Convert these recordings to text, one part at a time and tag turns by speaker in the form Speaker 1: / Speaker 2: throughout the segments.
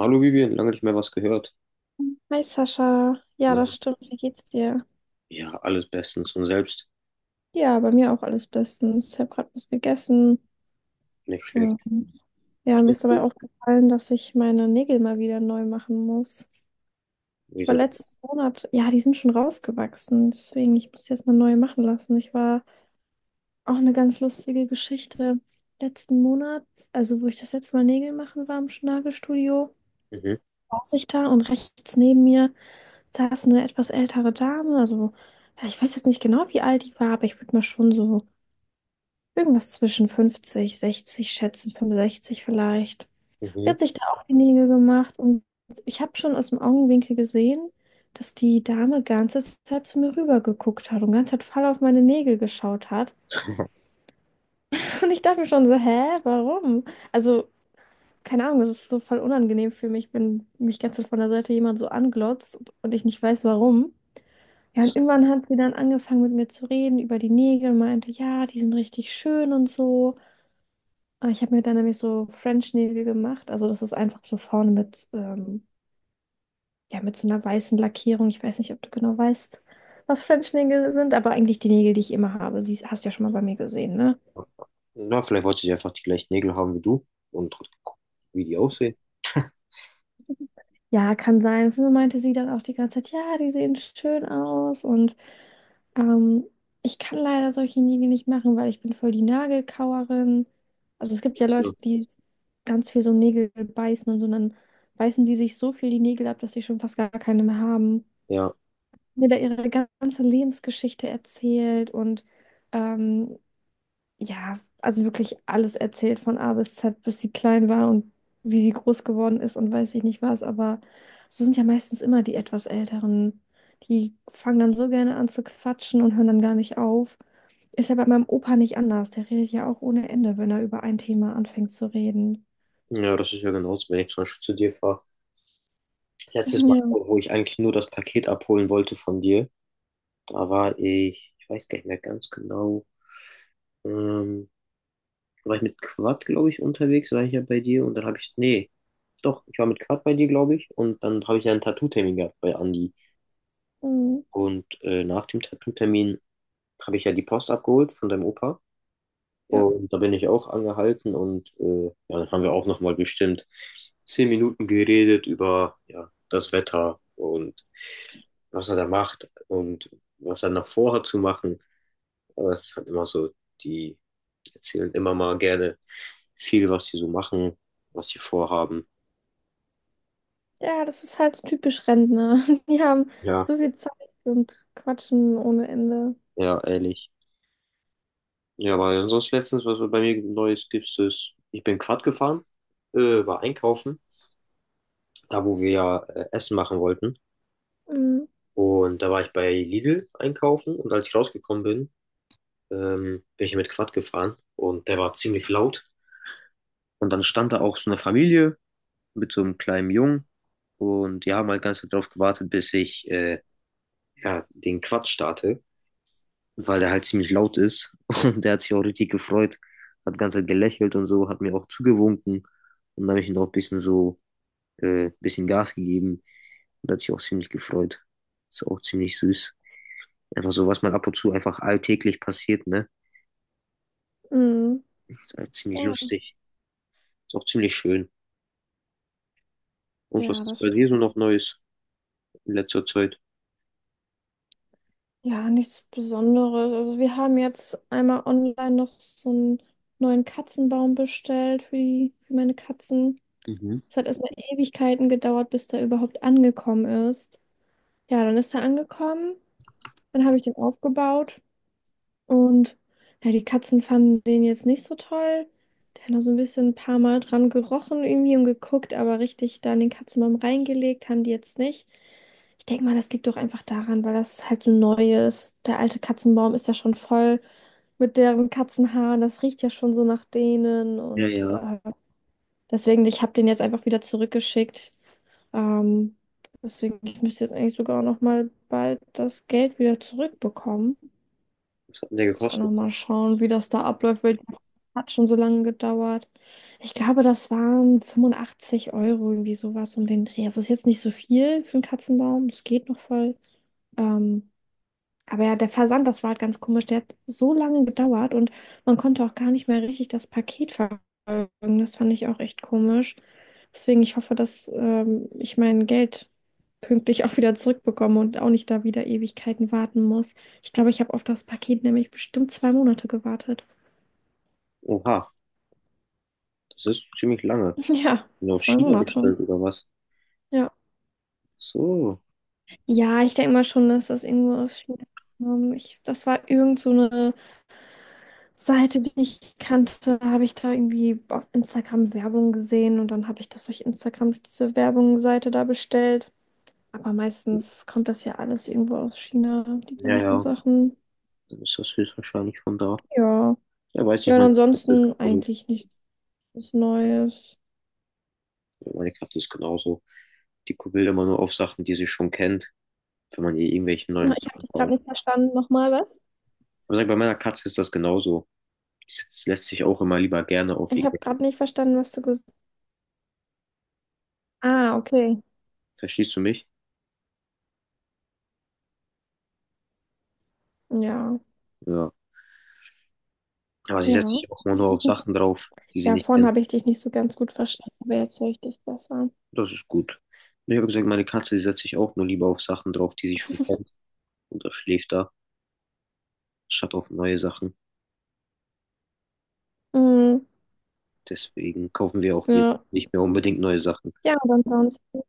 Speaker 1: Hallo Vivian, lange nicht mehr was gehört.
Speaker 2: Hi Sascha, ja,
Speaker 1: Na,
Speaker 2: das stimmt. Wie geht's dir?
Speaker 1: ja, alles bestens und selbst
Speaker 2: Ja, bei mir auch alles bestens. Ich habe gerade was gegessen.
Speaker 1: nicht schlecht.
Speaker 2: Ähm, Ja, mir ist dabei aufgefallen, dass ich meine Nägel mal wieder neu machen muss. Ich war
Speaker 1: Wieso?
Speaker 2: letzten Monat, ja, die sind schon rausgewachsen, deswegen ich muss die jetzt mal neu machen lassen. Ich war auch eine ganz lustige Geschichte. Letzten Monat, also wo ich das letzte Mal Nägel machen war im Nagelstudio,
Speaker 1: Mhm.
Speaker 2: saß ich da und rechts neben mir saß eine etwas ältere Dame, also ja, ich weiß jetzt nicht genau, wie alt die war, aber ich würde mal schon so irgendwas zwischen 50 60 schätzen, 65 vielleicht. Die
Speaker 1: Mhm.
Speaker 2: hat sich da auch die Nägel gemacht und ich habe schon aus dem Augenwinkel gesehen, dass die Dame ganze Zeit zu mir rüber geguckt hat und ganze Zeit voll auf meine Nägel geschaut hat. Und ich dachte mir schon so, hä, warum? Also, keine Ahnung, das ist so voll unangenehm für mich, wenn mich ganze Zeit von der Seite jemand so anglotzt und ich nicht weiß, warum. Ja, und irgendwann hat sie dann angefangen mit mir zu reden über die Nägel und meinte, ja, die sind richtig schön und so. Ich habe mir dann nämlich so French-Nägel gemacht. Also das ist einfach so vorne mit, ja, mit so einer weißen Lackierung. Ich weiß nicht, ob du genau weißt, was French-Nägel sind, aber eigentlich die Nägel, die ich immer habe. Sie hast du ja schon mal bei mir gesehen, ne?
Speaker 1: Na, vielleicht wollte sie einfach die gleichen Nägel haben wie du und hat geguckt, wie die aussehen.
Speaker 2: Ja, kann sein. Früher meinte sie dann auch die ganze Zeit, ja, die sehen schön aus und ähm, ich kann leider solche Nägel nicht machen, weil ich bin voll die Nagelkauerin. Also es gibt ja
Speaker 1: So.
Speaker 2: Leute, die ganz viel so Nägel beißen und so, und dann beißen die sich so viel die Nägel ab, dass sie schon fast gar keine mehr haben.
Speaker 1: Ja.
Speaker 2: Mir da ihre ganze Lebensgeschichte erzählt und ähm, ja, also wirklich alles erzählt von A bis Z, bis sie klein war und wie sie groß geworden ist und weiß ich nicht was, aber so sind ja meistens immer die etwas Älteren. Die fangen dann so gerne an zu quatschen und hören dann gar nicht auf. Ist ja bei meinem Opa nicht anders. Der redet ja auch ohne Ende, wenn er über ein Thema anfängt zu reden.
Speaker 1: Ja, das ist ja genauso, wenn ich zum Beispiel zu dir fahre. Letztes Mal, wo ich eigentlich nur das Paket abholen wollte von dir, da war ich, weiß gar nicht mehr ganz genau, ähm, da war ich mit Quad, glaube ich, unterwegs, war ich ja bei dir und dann habe ich, nee, doch, ich war mit Quad bei dir, glaube ich, und dann habe ich ja einen Tattoo-Termin gehabt bei Andi.
Speaker 2: Ja, mhm.
Speaker 1: Und nach dem Tattoo-Termin habe ich ja die Post abgeholt von deinem Opa
Speaker 2: Ja.
Speaker 1: und da bin ich auch angehalten und ja, dann haben wir auch nochmal bestimmt 10 Minuten geredet über ja, das Wetter und was er da macht und was er noch vorhat zu machen. Aber es ist halt immer so, die erzählen immer mal gerne viel, was sie so machen, was sie vorhaben.
Speaker 2: Ja, das ist halt so typisch Rentner. Die haben
Speaker 1: Ja,
Speaker 2: so viel Zeit und quatschen ohne Ende.
Speaker 1: ja, ehrlich. Ja, weil sonst letztens, was bei mir Neues gibt, ist, ich bin Quad gefahren, war einkaufen, da wo wir ja Essen machen wollten.
Speaker 2: Mhm.
Speaker 1: Und da war ich bei Lidl einkaufen und als ich rausgekommen bin, bin ich mit Quad gefahren und der war ziemlich laut. Und dann stand da auch so eine Familie mit so einem kleinen Jungen und die haben halt ganz drauf gewartet, bis ich ja, den Quatsch starte, weil der halt ziemlich laut ist. Und der hat sich auch richtig gefreut, hat die ganze Zeit gelächelt und so, hat mir auch zugewunken. Und dann habe ich ihm auch ein bisschen so, ein bisschen Gas gegeben. Und hat sich auch ziemlich gefreut. Ist auch ziemlich süß. Einfach so, was man ab und zu einfach alltäglich passiert, ne?
Speaker 2: Mhm.
Speaker 1: Ist halt ziemlich
Speaker 2: Ja.
Speaker 1: lustig. Ist auch ziemlich schön. Und was
Speaker 2: Ja,
Speaker 1: ist
Speaker 2: das
Speaker 1: bei dir so
Speaker 2: stimmt.
Speaker 1: noch Neues in letzter Zeit?
Speaker 2: Ja, nichts Besonderes. Also wir haben jetzt einmal online noch so einen neuen Katzenbaum bestellt für die, für meine Katzen.
Speaker 1: Mhm.
Speaker 2: Es hat erstmal Ewigkeiten gedauert, bis der überhaupt angekommen ist. Ja, dann ist er angekommen, dann habe ich den aufgebaut und ja, die Katzen fanden den jetzt nicht so toll. Der hat noch so ein bisschen ein paar Mal dran gerochen irgendwie und geguckt, aber richtig da in den Katzenbaum reingelegt haben die jetzt nicht. Ich denke mal, das liegt doch einfach daran, weil das halt so neu ist. Der alte Katzenbaum ist ja schon voll mit deren Katzenhaaren. Das riecht ja schon so nach denen.
Speaker 1: Ja,
Speaker 2: Und
Speaker 1: ja.
Speaker 2: deswegen, ich habe den jetzt einfach wieder zurückgeschickt. Ähm, deswegen, ich müsste jetzt eigentlich sogar auch noch mal bald das Geld wieder zurückbekommen.
Speaker 1: Was hat denn der
Speaker 2: Muss ich auch noch
Speaker 1: gekostet?
Speaker 2: mal schauen, wie das da abläuft, weil hat schon so lange gedauert. Ich glaube, das waren 85 Euro, irgendwie sowas um den Dreh. Also ist jetzt nicht so viel für einen Katzenbaum. Das geht noch voll. Ähm, aber ja, der Versand, das war halt ganz komisch. Der hat so lange gedauert und man konnte auch gar nicht mehr richtig das Paket verfolgen. Das fand ich auch echt komisch. Deswegen, ich hoffe, dass ich mein Geld pünktlich auch wieder zurückbekomme und auch nicht da wieder Ewigkeiten warten muss. Ich glaube, ich habe auf das Paket nämlich bestimmt 2 Monate gewartet.
Speaker 1: Oha, das ist ziemlich lange.
Speaker 2: Ja,
Speaker 1: Bin aus
Speaker 2: zwei
Speaker 1: China
Speaker 2: Monate.
Speaker 1: bestellt oder was?
Speaker 2: Ja.
Speaker 1: So.
Speaker 2: Ja, ich denke mal schon, dass das irgendwo aus China kam. Ich, das war irgend so eine Seite, die ich kannte, habe ich da irgendwie auf Instagram Werbung gesehen und dann habe ich das durch Instagram diese Werbungsseite da bestellt. Aber meistens kommt das ja alles irgendwo aus China, die
Speaker 1: Ja,
Speaker 2: ganzen
Speaker 1: ja,
Speaker 2: Sachen.
Speaker 1: dann ist das höchstwahrscheinlich von da.
Speaker 2: Ja.
Speaker 1: Ja, weiß
Speaker 2: Ja,
Speaker 1: nicht,
Speaker 2: und
Speaker 1: meine Katze ist
Speaker 2: ansonsten
Speaker 1: genauso.
Speaker 2: eigentlich nichts Neues.
Speaker 1: Ja, meine Katze ist genauso. Die will immer nur auf Sachen, die sie schon kennt, wenn man ihr irgendwelche neuen
Speaker 2: Na, ich habe
Speaker 1: Sachen
Speaker 2: dich gerade
Speaker 1: kauft.
Speaker 2: nicht verstanden. Nochmal was?
Speaker 1: Aber sag, bei meiner Katze ist das genauso. Die lässt sich auch immer lieber gerne auf
Speaker 2: Ich habe
Speaker 1: irgendwelche
Speaker 2: gerade
Speaker 1: Sachen.
Speaker 2: nicht verstanden, was du gesagt hast. Ah, okay.
Speaker 1: Verstehst du mich?
Speaker 2: Ja,
Speaker 1: Ja. Aber sie setzt
Speaker 2: ja.
Speaker 1: sich auch immer nur auf Sachen drauf, die sie
Speaker 2: Ja,
Speaker 1: nicht
Speaker 2: vorhin
Speaker 1: kennt.
Speaker 2: habe ich dich nicht so ganz gut verstanden, aber jetzt höre ich dich besser.
Speaker 1: Das ist gut. Und ich habe gesagt, meine Katze, die setzt sich auch nur lieber auf Sachen drauf, die sie schon kennt. Und das schläft da, statt auf neue Sachen.
Speaker 2: Mhm.
Speaker 1: Deswegen kaufen wir auch ihr
Speaker 2: Ja.
Speaker 1: nicht mehr unbedingt neue Sachen.
Speaker 2: Ja, und ansonsten.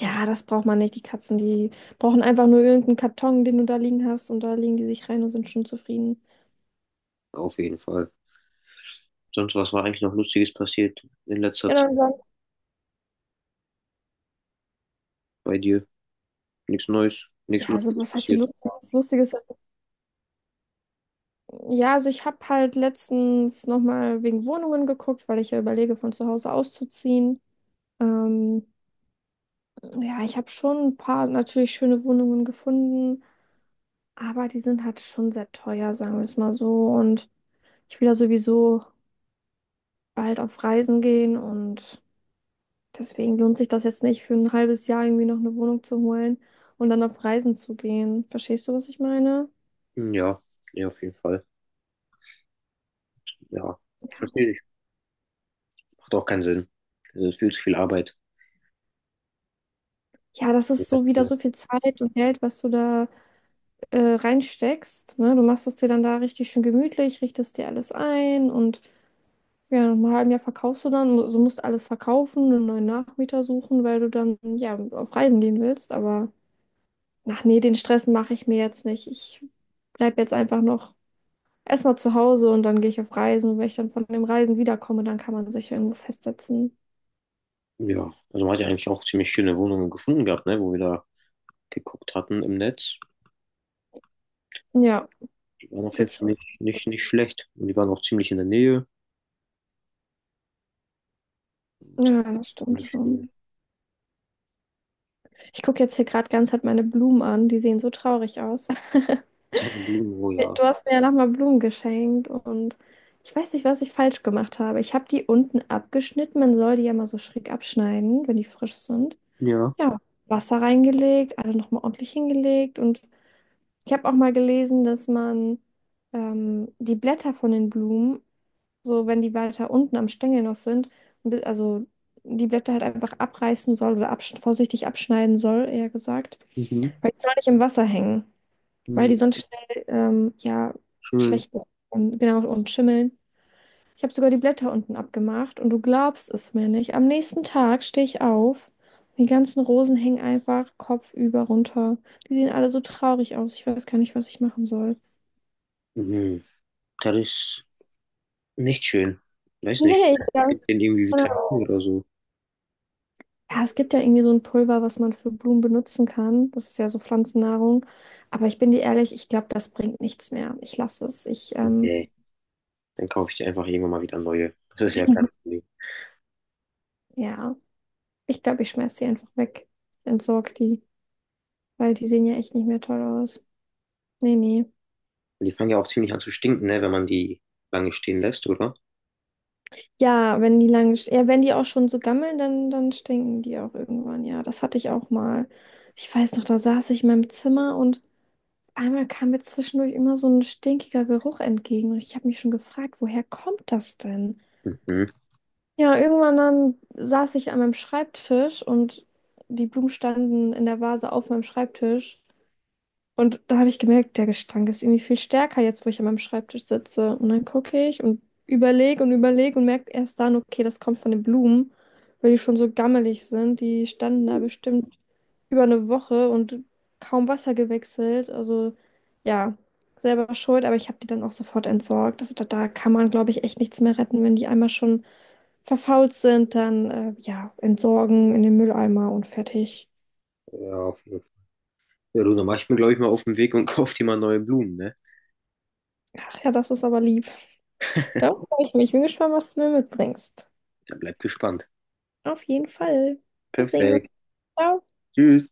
Speaker 2: Ja, das braucht man nicht. Die Katzen, die brauchen einfach nur irgendeinen Karton, den du da liegen hast, und da legen die sich rein und sind schon zufrieden.
Speaker 1: Auf jeden Fall. Sonst, was war eigentlich noch Lustiges passiert in letzter
Speaker 2: Ja, dann
Speaker 1: Zeit
Speaker 2: sagen,
Speaker 1: bei dir? Nichts Neues, nichts
Speaker 2: ja, also
Speaker 1: Lustiges
Speaker 2: was heißt hier
Speaker 1: passiert.
Speaker 2: lustig? Das Lustige ist, dass, ja, also ich habe halt letztens nochmal wegen Wohnungen geguckt, weil ich ja überlege, von zu Hause auszuziehen. Ähm, ja, ich habe schon ein paar natürlich schöne Wohnungen gefunden, aber die sind halt schon sehr teuer, sagen wir es mal so. Und ich will ja sowieso bald auf Reisen gehen und deswegen lohnt sich das jetzt nicht, für ein halbes Jahr irgendwie noch eine Wohnung zu holen und dann auf Reisen zu gehen. Verstehst du, was ich meine?
Speaker 1: Hm, ja, ja, auf jeden Fall. Ja,
Speaker 2: Ja.
Speaker 1: verstehe ich. Macht auch keinen Sinn. Viel zu viel Arbeit.
Speaker 2: Ja, das ist so wieder so viel Zeit und Geld, was du da reinsteckst. Ne? Du machst es dir dann da richtig schön gemütlich, richtest dir alles ein und ja, nach einem halben Jahr verkaufst du dann. So also musst alles verkaufen, einen neuen Nachmieter suchen, weil du dann ja auf Reisen gehen willst. Aber ach nee, den Stress mache ich mir jetzt nicht. Ich bleib jetzt einfach noch erstmal zu Hause und dann gehe ich auf Reisen. Und wenn ich dann von dem Reisen wiederkomme, dann kann man sich irgendwo festsetzen.
Speaker 1: Ja, also man hat ja eigentlich auch ziemlich schöne Wohnungen gefunden gehabt, ne, wo wir da geguckt hatten im Netz.
Speaker 2: Ja,
Speaker 1: Die waren auf jeden
Speaker 2: gibt's
Speaker 1: Fall
Speaker 2: schon.
Speaker 1: nicht schlecht. Und die waren auch ziemlich in der Nähe.
Speaker 2: Ja, das stimmt
Speaker 1: Ziemlich
Speaker 2: schon.
Speaker 1: schön.
Speaker 2: Ich gucke jetzt hier gerade ganz halt meine Blumen an. Die sehen so traurig aus.
Speaker 1: Teilen, oh ja.
Speaker 2: Du hast mir ja nochmal Blumen geschenkt und ich weiß nicht, was ich falsch gemacht habe. Ich habe die unten abgeschnitten. Man soll die ja mal so schräg abschneiden, wenn die frisch sind.
Speaker 1: Ja,
Speaker 2: Ja, Wasser reingelegt, alle nochmal ordentlich hingelegt und ich habe auch mal gelesen, dass man die Blätter von den Blumen, so wenn die weiter unten am Stängel noch sind, also die Blätter halt einfach abreißen soll oder absch vorsichtig abschneiden soll, eher gesagt.
Speaker 1: mhm.
Speaker 2: Weil die sollen nicht im Wasser hängen, weil die
Speaker 1: Mhm.
Speaker 2: sonst schnell ja
Speaker 1: Schön.
Speaker 2: schlecht werden und genau und schimmeln. Ich habe sogar die Blätter unten abgemacht und du glaubst es mir nicht. Am nächsten Tag stehe ich auf. Die ganzen Rosen hängen einfach kopfüber runter. Die sehen alle so traurig aus. Ich weiß gar nicht, was ich machen soll.
Speaker 1: Mhm. Das ist nicht schön. Weiß nicht.
Speaker 2: Nee, ich glaube.
Speaker 1: Fehlt denen irgendwie Vitamine
Speaker 2: Genau.
Speaker 1: oder so?
Speaker 2: Ja, es gibt ja irgendwie so ein Pulver, was man für Blumen benutzen kann. Das ist ja so Pflanzennahrung. Aber ich bin dir ehrlich, ich glaube, das bringt nichts mehr. Ich lasse es. Ich,
Speaker 1: Nee. Dann kaufe ich dir einfach irgendwann mal wieder neue. Das ist ja kein Problem.
Speaker 2: ja, ich glaube, ich schmeiß die einfach weg. Entsorge die, weil die sehen ja echt nicht mehr toll aus. Nee, nee.
Speaker 1: Die fangen ja auch ziemlich an zu stinken, ne, wenn man die lange stehen lässt, oder?
Speaker 2: Ja, wenn die lange, ja, wenn die auch schon so gammeln, dann stinken die auch irgendwann. Ja, das hatte ich auch mal. Ich weiß noch, da saß ich in meinem Zimmer und einmal kam mir zwischendurch immer so ein stinkiger Geruch entgegen und ich habe mich schon gefragt, woher kommt das denn?
Speaker 1: Mhm.
Speaker 2: Ja, irgendwann dann saß ich an meinem Schreibtisch und die Blumen standen in der Vase auf meinem Schreibtisch und da habe ich gemerkt, der Gestank ist irgendwie viel stärker jetzt, wo ich an meinem Schreibtisch sitze. Und dann gucke ich und überlege und überlege und merke erst dann, okay, das kommt von den Blumen, weil die schon so gammelig sind. Die standen da bestimmt über eine Woche und kaum Wasser gewechselt. Also ja, selber schuld, aber ich habe die dann auch sofort entsorgt. Also da kann man, glaube ich, echt nichts mehr retten, wenn die einmal schon verfault sind, dann ja, entsorgen in den Mülleimer und fertig.
Speaker 1: Ja, auf jeden Fall. Ja, du, dann mach ich mir, glaube ich, mal auf den Weg und kauf dir mal neue Blumen, ne?
Speaker 2: Ach ja, das ist aber lieb. Darauf freue ich mich. Bin gespannt, was du mir mitbringst.
Speaker 1: Dann bleib gespannt.
Speaker 2: Auf jeden Fall. Wir sehen uns.
Speaker 1: Perfekt.
Speaker 2: Ciao.
Speaker 1: Tschüss.